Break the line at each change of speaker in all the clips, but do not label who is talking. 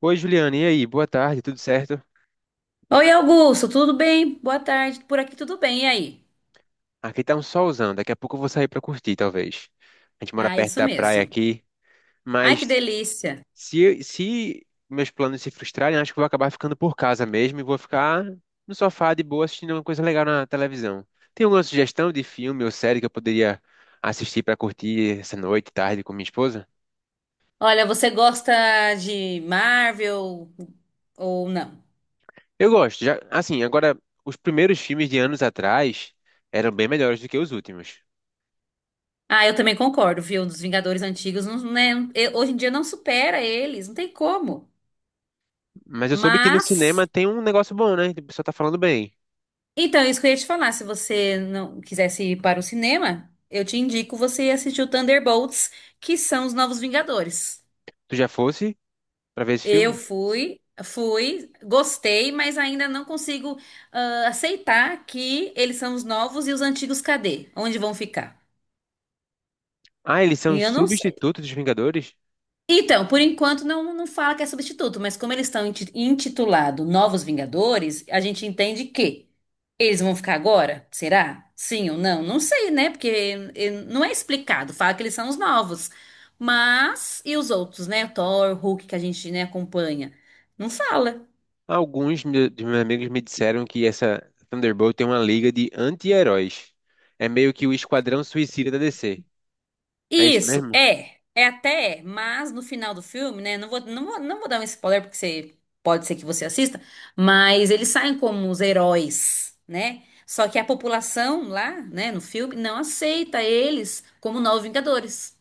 Oi, Juliana, e aí? Boa tarde, tudo certo?
Oi, Augusto, tudo bem? Boa tarde. Por aqui tudo bem, e aí?
Aqui tá um solzão, daqui a pouco eu vou sair pra curtir, talvez. A gente mora
Ah,
perto
isso
da praia
mesmo.
aqui,
Ai, que
mas
delícia.
se meus planos se frustrarem, acho que eu vou acabar ficando por casa mesmo e vou ficar no sofá de boa assistindo uma coisa legal na televisão. Tem alguma sugestão de filme ou série que eu poderia assistir pra curtir essa noite, tarde com minha esposa?
Olha, você gosta de Marvel ou não?
Eu gosto, já, assim, agora os primeiros filmes de anos atrás eram bem melhores do que os últimos.
Ah, eu também concordo, viu? Dos Vingadores antigos, não, né? Hoje em dia não supera eles, não tem como.
Mas eu soube que no
Mas,
cinema tem um negócio bom, né? O pessoal tá falando bem.
então, isso que eu ia te falar, se você não quisesse ir para o cinema, eu te indico você assistir o Thunderbolts, que são os novos Vingadores.
Tu já fosse pra ver esse
Eu
filme?
fui, gostei, mas ainda não consigo aceitar que eles são os novos e os antigos cadê? Onde vão ficar?
Ah, eles são
E
os
eu não sei.
substitutos dos Vingadores?
Então, por enquanto não, não fala que é substituto, mas como eles estão intitulado Novos Vingadores, a gente entende que eles vão ficar agora? Será? Sim ou não? Não sei, né? Porque não é explicado. Fala que eles são os novos. Mas e os outros, né? Thor, Hulk que a gente, né, acompanha? Não fala.
Dos meus amigos me disseram que essa Thunderbolt tem uma liga de anti-heróis. É meio que o Esquadrão Suicida da DC. É isso
Isso,
mesmo?
é. É até, é, mas no final do filme, né? Não vou dar um spoiler, porque você, pode ser que você assista, mas eles saem como os heróis, né? Só que a população lá, né, no filme, não aceita eles como novos Vingadores.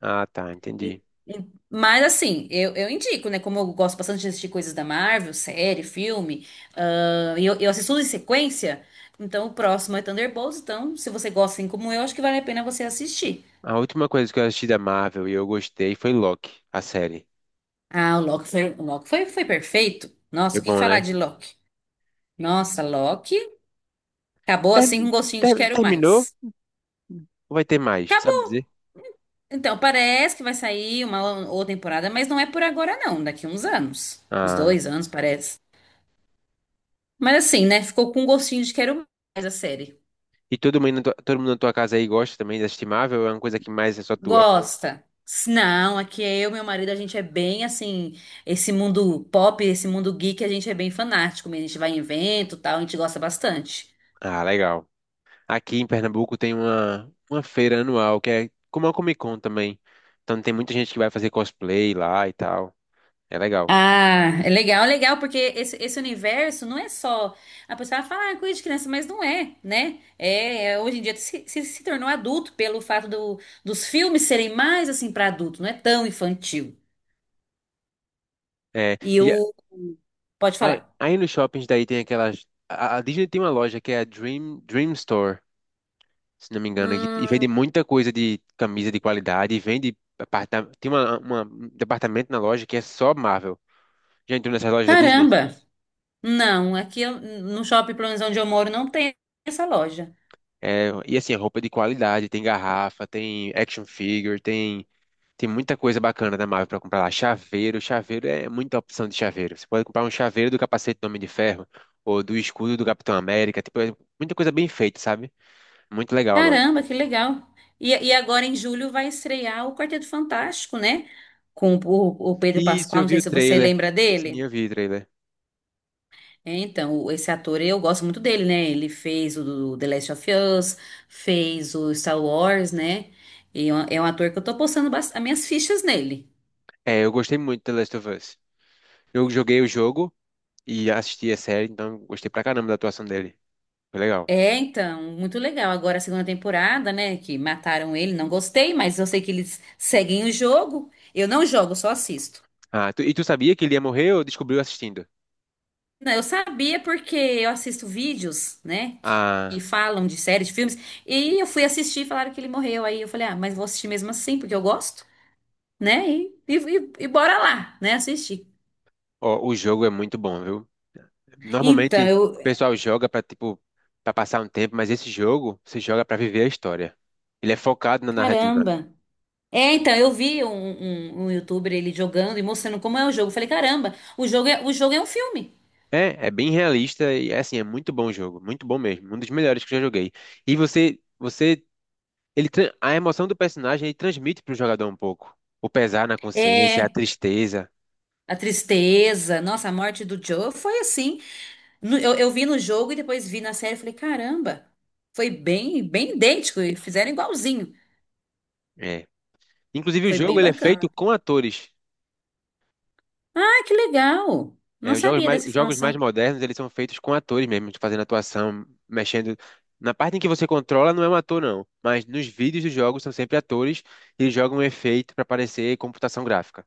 Ah, tá,
E-
entendi.
Mas assim, eu indico, né? Como eu gosto bastante de assistir coisas da Marvel, série, filme, e eu assisto tudo em sequência, então o próximo é Thunderbolts, então se você gosta assim como eu, acho que vale a pena você assistir.
A última coisa que eu assisti da Marvel e eu gostei foi Loki, a série.
Ah, o Loki foi, foi perfeito.
Foi
Nossa, o que
bom, né?
falar de Loki? Nossa, Loki acabou assim
Ter-
com gostinho de quero
Terminou
mais.
ou vai ter mais? Tu sabe
Acabou.
dizer?
Então, parece que vai sair uma outra temporada, mas não é por agora, não. Daqui uns anos. Uns
Ah.
2 anos, parece. Mas assim, né? Ficou com gostinho de quero mais a série.
E todo mundo, todo mundo na tua casa aí gosta também, é estimável, ou é uma coisa que mais é só tua?
Gosta. Não, aqui é eu e meu marido, a gente é bem assim, esse mundo pop, esse mundo geek, a gente é bem fanático, mesmo. A gente vai em evento, e tal, a gente gosta bastante.
Ah, legal. Aqui em Pernambuco tem uma feira anual, que é como a Comic Con também. Então tem muita gente que vai fazer cosplay lá e tal. É legal.
Ah, é legal, porque esse universo não é só. A pessoa fala, ah, coisa de criança, mas não é, né? É, hoje em dia se tornou adulto pelo fato dos filmes serem mais assim para adulto, não é tão infantil.
É,
E
e a-
o. Pode
aí,
falar.
aí nos shoppings daí tem aquelas... A Disney tem uma loja que é a Dream Store, se não me engano, e vende
Hum,
muita coisa de camisa de qualidade, e vende... tem um departamento na loja que é só Marvel. Já entrou nessas lojas da Disney?
caramba! Não, aqui no shopping, pelo menos onde eu moro, não tem essa loja.
É, e assim, é roupa de qualidade, tem garrafa, tem action figure, tem, tem muita coisa bacana da Marvel pra comprar lá. Chaveiro, chaveiro é muita opção de chaveiro. Você pode comprar um chaveiro do capacete do Homem de Ferro ou do escudo do Capitão América, tipo, é muita coisa bem feita, sabe? Muito legal a loja.
Caramba, que legal! E agora em julho vai estrear o Quarteto Fantástico, né? Com o Pedro
Isso,
Pascal,
eu
não
vi
sei
o
se você
trailer.
lembra
Sim,
dele.
eu vi o trailer.
É, então, esse ator, eu gosto muito dele, né? Ele fez o do The Last of Us, fez o Star Wars, né? E é um ator que eu tô postando as minhas fichas nele.
É, eu gostei muito de The Last of Us. Eu joguei o jogo e assisti a série, então gostei pra caramba da atuação dele. Foi legal.
É, então, muito legal. Agora a segunda temporada, né? Que mataram ele, não gostei, mas eu sei que eles seguem o jogo. Eu não jogo, só assisto.
Ah, e tu sabia que ele ia morrer ou descobriu assistindo?
Não, eu sabia porque eu assisto vídeos, né? Que
Ah,
falam de séries, de filmes. E eu fui assistir e falaram que ele morreu. Aí eu falei, ah, mas vou assistir mesmo assim, porque eu gosto. Né? E bora lá, né? Assistir.
ó, o jogo é muito bom, viu? Normalmente
Então,
o
eu.
pessoal joga pra tipo para passar um tempo, mas esse jogo você joga pra viver a história. Ele é focado na narrativa.
Caramba! É, então, eu vi um youtuber ele jogando e mostrando como é o jogo. Eu falei, caramba, o jogo é um filme.
É, é bem realista e é assim, é muito bom o jogo, muito bom mesmo, um dos melhores que eu já joguei. E a emoção do personagem ele transmite pro jogador um pouco, o pesar na consciência, a
É.
tristeza.
A tristeza, nossa, a morte do Joe foi assim. Eu vi no jogo e depois vi na série. Eu falei, caramba, foi bem, bem idêntico. E fizeram igualzinho.
É. Inclusive o
Foi bem
jogo ele é
bacana.
feito com atores.
Ah, que legal!
É,
Não sabia dessa
os jogos mais
informação.
modernos, eles são feitos com atores mesmo, fazendo atuação, mexendo. Na parte em que você controla, não é um ator, não. Mas nos vídeos dos jogos são sempre atores e eles jogam um efeito para parecer computação gráfica.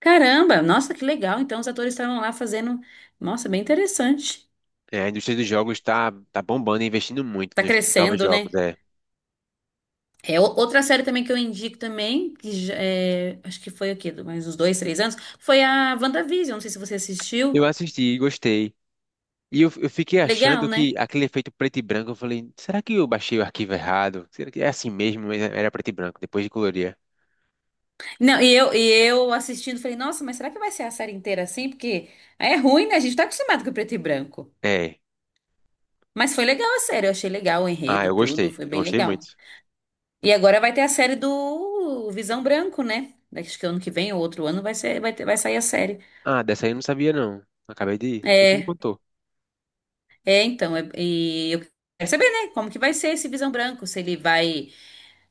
Caramba, nossa, que legal. Então, os atores estavam lá fazendo. Nossa, bem interessante.
É, a indústria dos jogos está tá tá bombando e investindo muito
Tá
nos novos
crescendo,
jogos.
né?
É.
É, outra série também que eu indico também, que é, acho que foi aqui, mais uns 2, 3 anos, foi a WandaVision. Não sei se você
Eu
assistiu.
assisti e gostei. E eu fiquei
Legal,
achando que
né?
aquele efeito preto e branco, eu falei, será que eu baixei o arquivo errado? Será que é assim mesmo? Mas era preto e branco, depois de colorir.
Não, e eu assistindo, falei, nossa, mas será que vai ser a série inteira assim? Porque é ruim, né? A gente tá acostumado com preto e branco.
É.
Mas foi legal a série, eu achei legal o
Ah,
enredo,
eu
tudo,
gostei.
foi
Eu
bem
gostei muito.
legal. E agora vai ter a série do Visão Branco, né? Daqui acho que ano que vem ou outro ano vai ser, vai sair a série.
Ah, dessa aí eu não sabia não. Acabei de ir. Tu que me
É,
contou.
É, então, e eu quero saber, né, como que vai ser esse Visão Branco, se ele vai,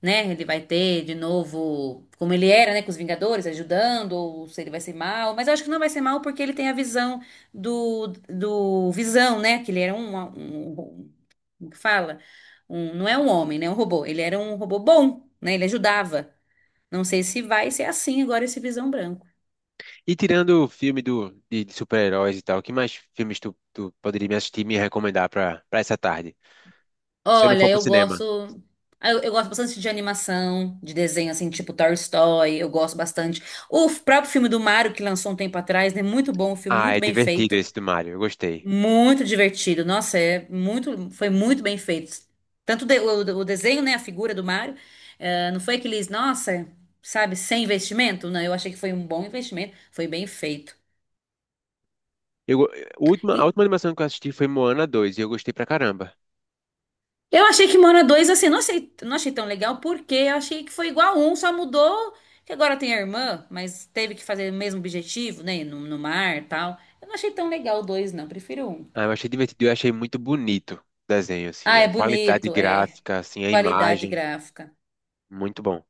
né, ele vai ter de novo, como ele era, né, com os Vingadores, ajudando, ou se ele vai ser mal, mas eu acho que não vai ser mal porque ele tem a visão do Visão, né, que ele era um, um, um, como que fala? Um, não é um homem, né, um robô, ele era um robô bom, né, ele ajudava. Não sei se vai ser assim agora esse Visão Branco.
E tirando o filme de super-heróis e tal, que mais filmes tu poderia me assistir e me recomendar pra essa tarde? Se eu não
Olha,
for pro
eu
cinema.
gosto. Eu gosto bastante de animação, de desenho, assim, tipo Toy Story, eu gosto bastante. O próprio filme do Mario, que lançou um tempo atrás, né? Muito bom, um filme
Ah,
muito
é
bem
divertido
feito,
esse do Mario. Eu gostei.
muito divertido. Nossa, é muito, foi muito bem feito. Tanto o desenho, né? A figura do Mario. Não foi aqueles, nossa, sabe, sem investimento? Não, eu achei que foi um bom investimento, foi bem feito.
Eu, go- a última animação que eu assisti foi Moana 2 e eu gostei pra caramba.
Eu achei que Mora 2 assim, não achei, não achei tão legal, porque eu achei que foi igual a um, só mudou que agora tem a irmã, mas teve que fazer o mesmo objetivo, né? No mar e tal. Eu não achei tão legal o dois, não, prefiro o um.
Ah, eu achei divertido. Eu achei muito bonito o desenho, assim.
Ah, é
A qualidade
bonito, é.
gráfica, assim, a
Qualidade
imagem.
gráfica.
Muito bom.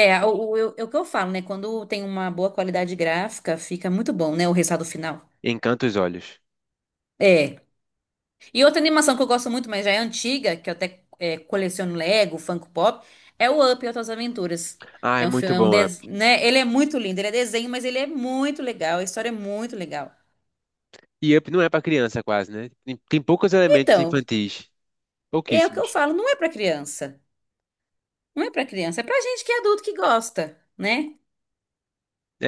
É o que eu falo, né? Quando tem uma boa qualidade gráfica, fica muito bom, né? O resultado final.
Encanta os olhos.
É. E outra animação que eu gosto muito, mas já é antiga, que eu até coleciono Lego, Funko Pop, é o Up e Outras Aventuras.
Ah, é
É um
muito
filme,
bom. Up.
né? Ele é muito lindo, ele é desenho, mas ele é muito legal, a história é muito legal.
E Up não é pra criança quase, né? Tem, tem poucos elementos
Então,
infantis.
é o que eu
Pouquíssimos.
falo, não é pra criança. Não é pra criança, é pra gente que é adulto que gosta, né?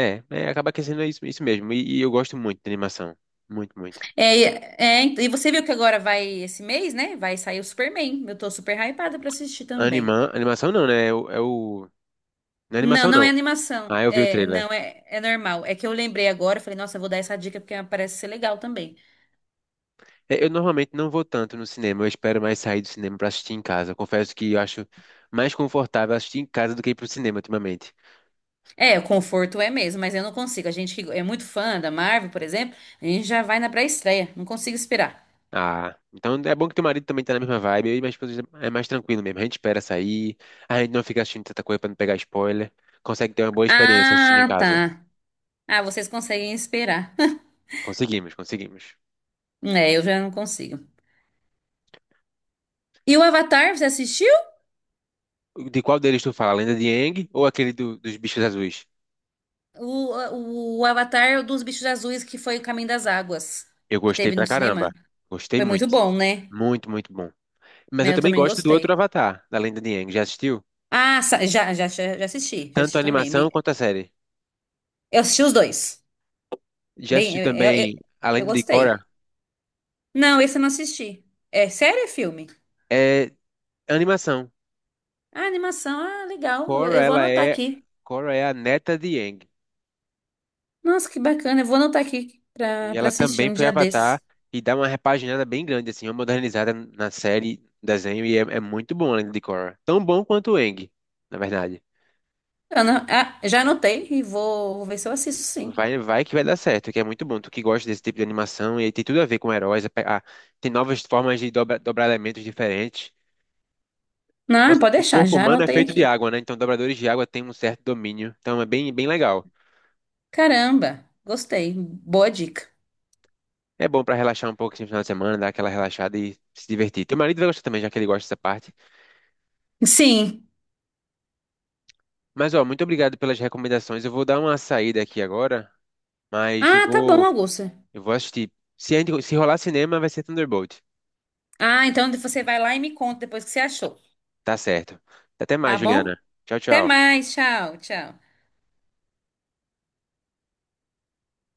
É, é, acaba que sendo isso, isso mesmo. E eu gosto muito de animação. Muito, muito.
É, e você viu que agora vai, esse mês, né? Vai sair o Superman. Eu tô super hypada pra assistir também.
Animação não, né? Não é
Não,
animação
não é
não.
animação.
Ah, eu vi o
É,
trailer.
não, é normal. É que eu lembrei agora, eu falei, nossa, eu vou dar essa dica porque parece ser legal também.
É, eu normalmente não vou tanto no cinema, eu espero mais sair do cinema pra assistir em casa. Eu confesso que eu acho mais confortável assistir em casa do que ir pro cinema ultimamente.
É, o conforto é mesmo, mas eu não consigo. A gente que é muito fã da Marvel, por exemplo, a gente já vai na pré-estreia. Não consigo esperar.
Ah, então é bom que teu marido também tá na mesma vibe, eu e minha esposa é mais tranquilo mesmo. A gente espera sair, a gente não fica assistindo tanta coisa pra não pegar spoiler. Consegue ter uma boa experiência assistindo em
Ah,
casa.
tá. Ah, vocês conseguem esperar.
Conseguimos, conseguimos.
É, eu já não consigo. E o Avatar, você assistiu?
De qual deles tu fala? A Lenda de Aang ou aquele dos bichos azuis?
O, o Avatar dos Bichos Azuis, que foi o Caminho das Águas,
Eu
que
gostei
teve
pra
no cinema.
caramba. Gostei
Foi muito
muito.
bom, né?
Muito, muito bom. Mas
Mas
eu
eu
também
também
gosto do outro
gostei.
Avatar, da Lenda de Aang. Já assistiu?
Ah, sa- já, já, já já assisti, já
Tanto a
assisti também.
animação quanto a série.
Eu assisti os dois.
Já
Bem,
assisti
eu, eu, eu
também a
eu
Lenda de Korra.
gostei. Não, esse eu não assisti. É sério, ou é filme?
É animação.
Ah, animação. Ah, legal. Eu,
Korra,
eu vou
ela
anotar
é,
aqui.
Korra é a neta de Aang.
Nossa, que bacana. Eu vou anotar aqui pra,
E
pra
ela
assistir
também
um
foi
dia
Avatar
desses.
e dá uma repaginada bem grande, assim, uma modernizada na série, desenho, e é muito bom a Lenda de Korra. Tão bom quanto o Aang, na verdade.
Eu já anotei e vou ver se eu assisto sim.
Vai, vai que vai dar certo, que é muito bom. Tu que gosta desse tipo de animação e tem tudo a ver com heróis. Tem novas formas de dobrar elementos diferentes.
Não,
Nossa,
pode
o
deixar,
corpo
já
humano é
anotei
feito de
aqui.
água, né? Então dobradores de água têm um certo domínio. Então é bem, bem legal.
Caramba, gostei. Boa dica.
É bom pra relaxar um pouco assim, no final de semana, dar aquela relaxada e se divertir. Teu marido vai gostar também, já que ele gosta dessa parte.
Sim.
Mas ó, muito obrigado pelas recomendações. Eu vou dar uma saída aqui agora, mas
Ah, tá bom, Augusta.
eu vou assistir. Se, a gente- se rolar cinema, vai ser Thunderbolt.
Ah, então você vai lá e me conta depois o que você achou.
Tá certo. Até mais,
Tá
Juliana.
bom?
Tchau,
Até
tchau.
mais. Tchau, tchau.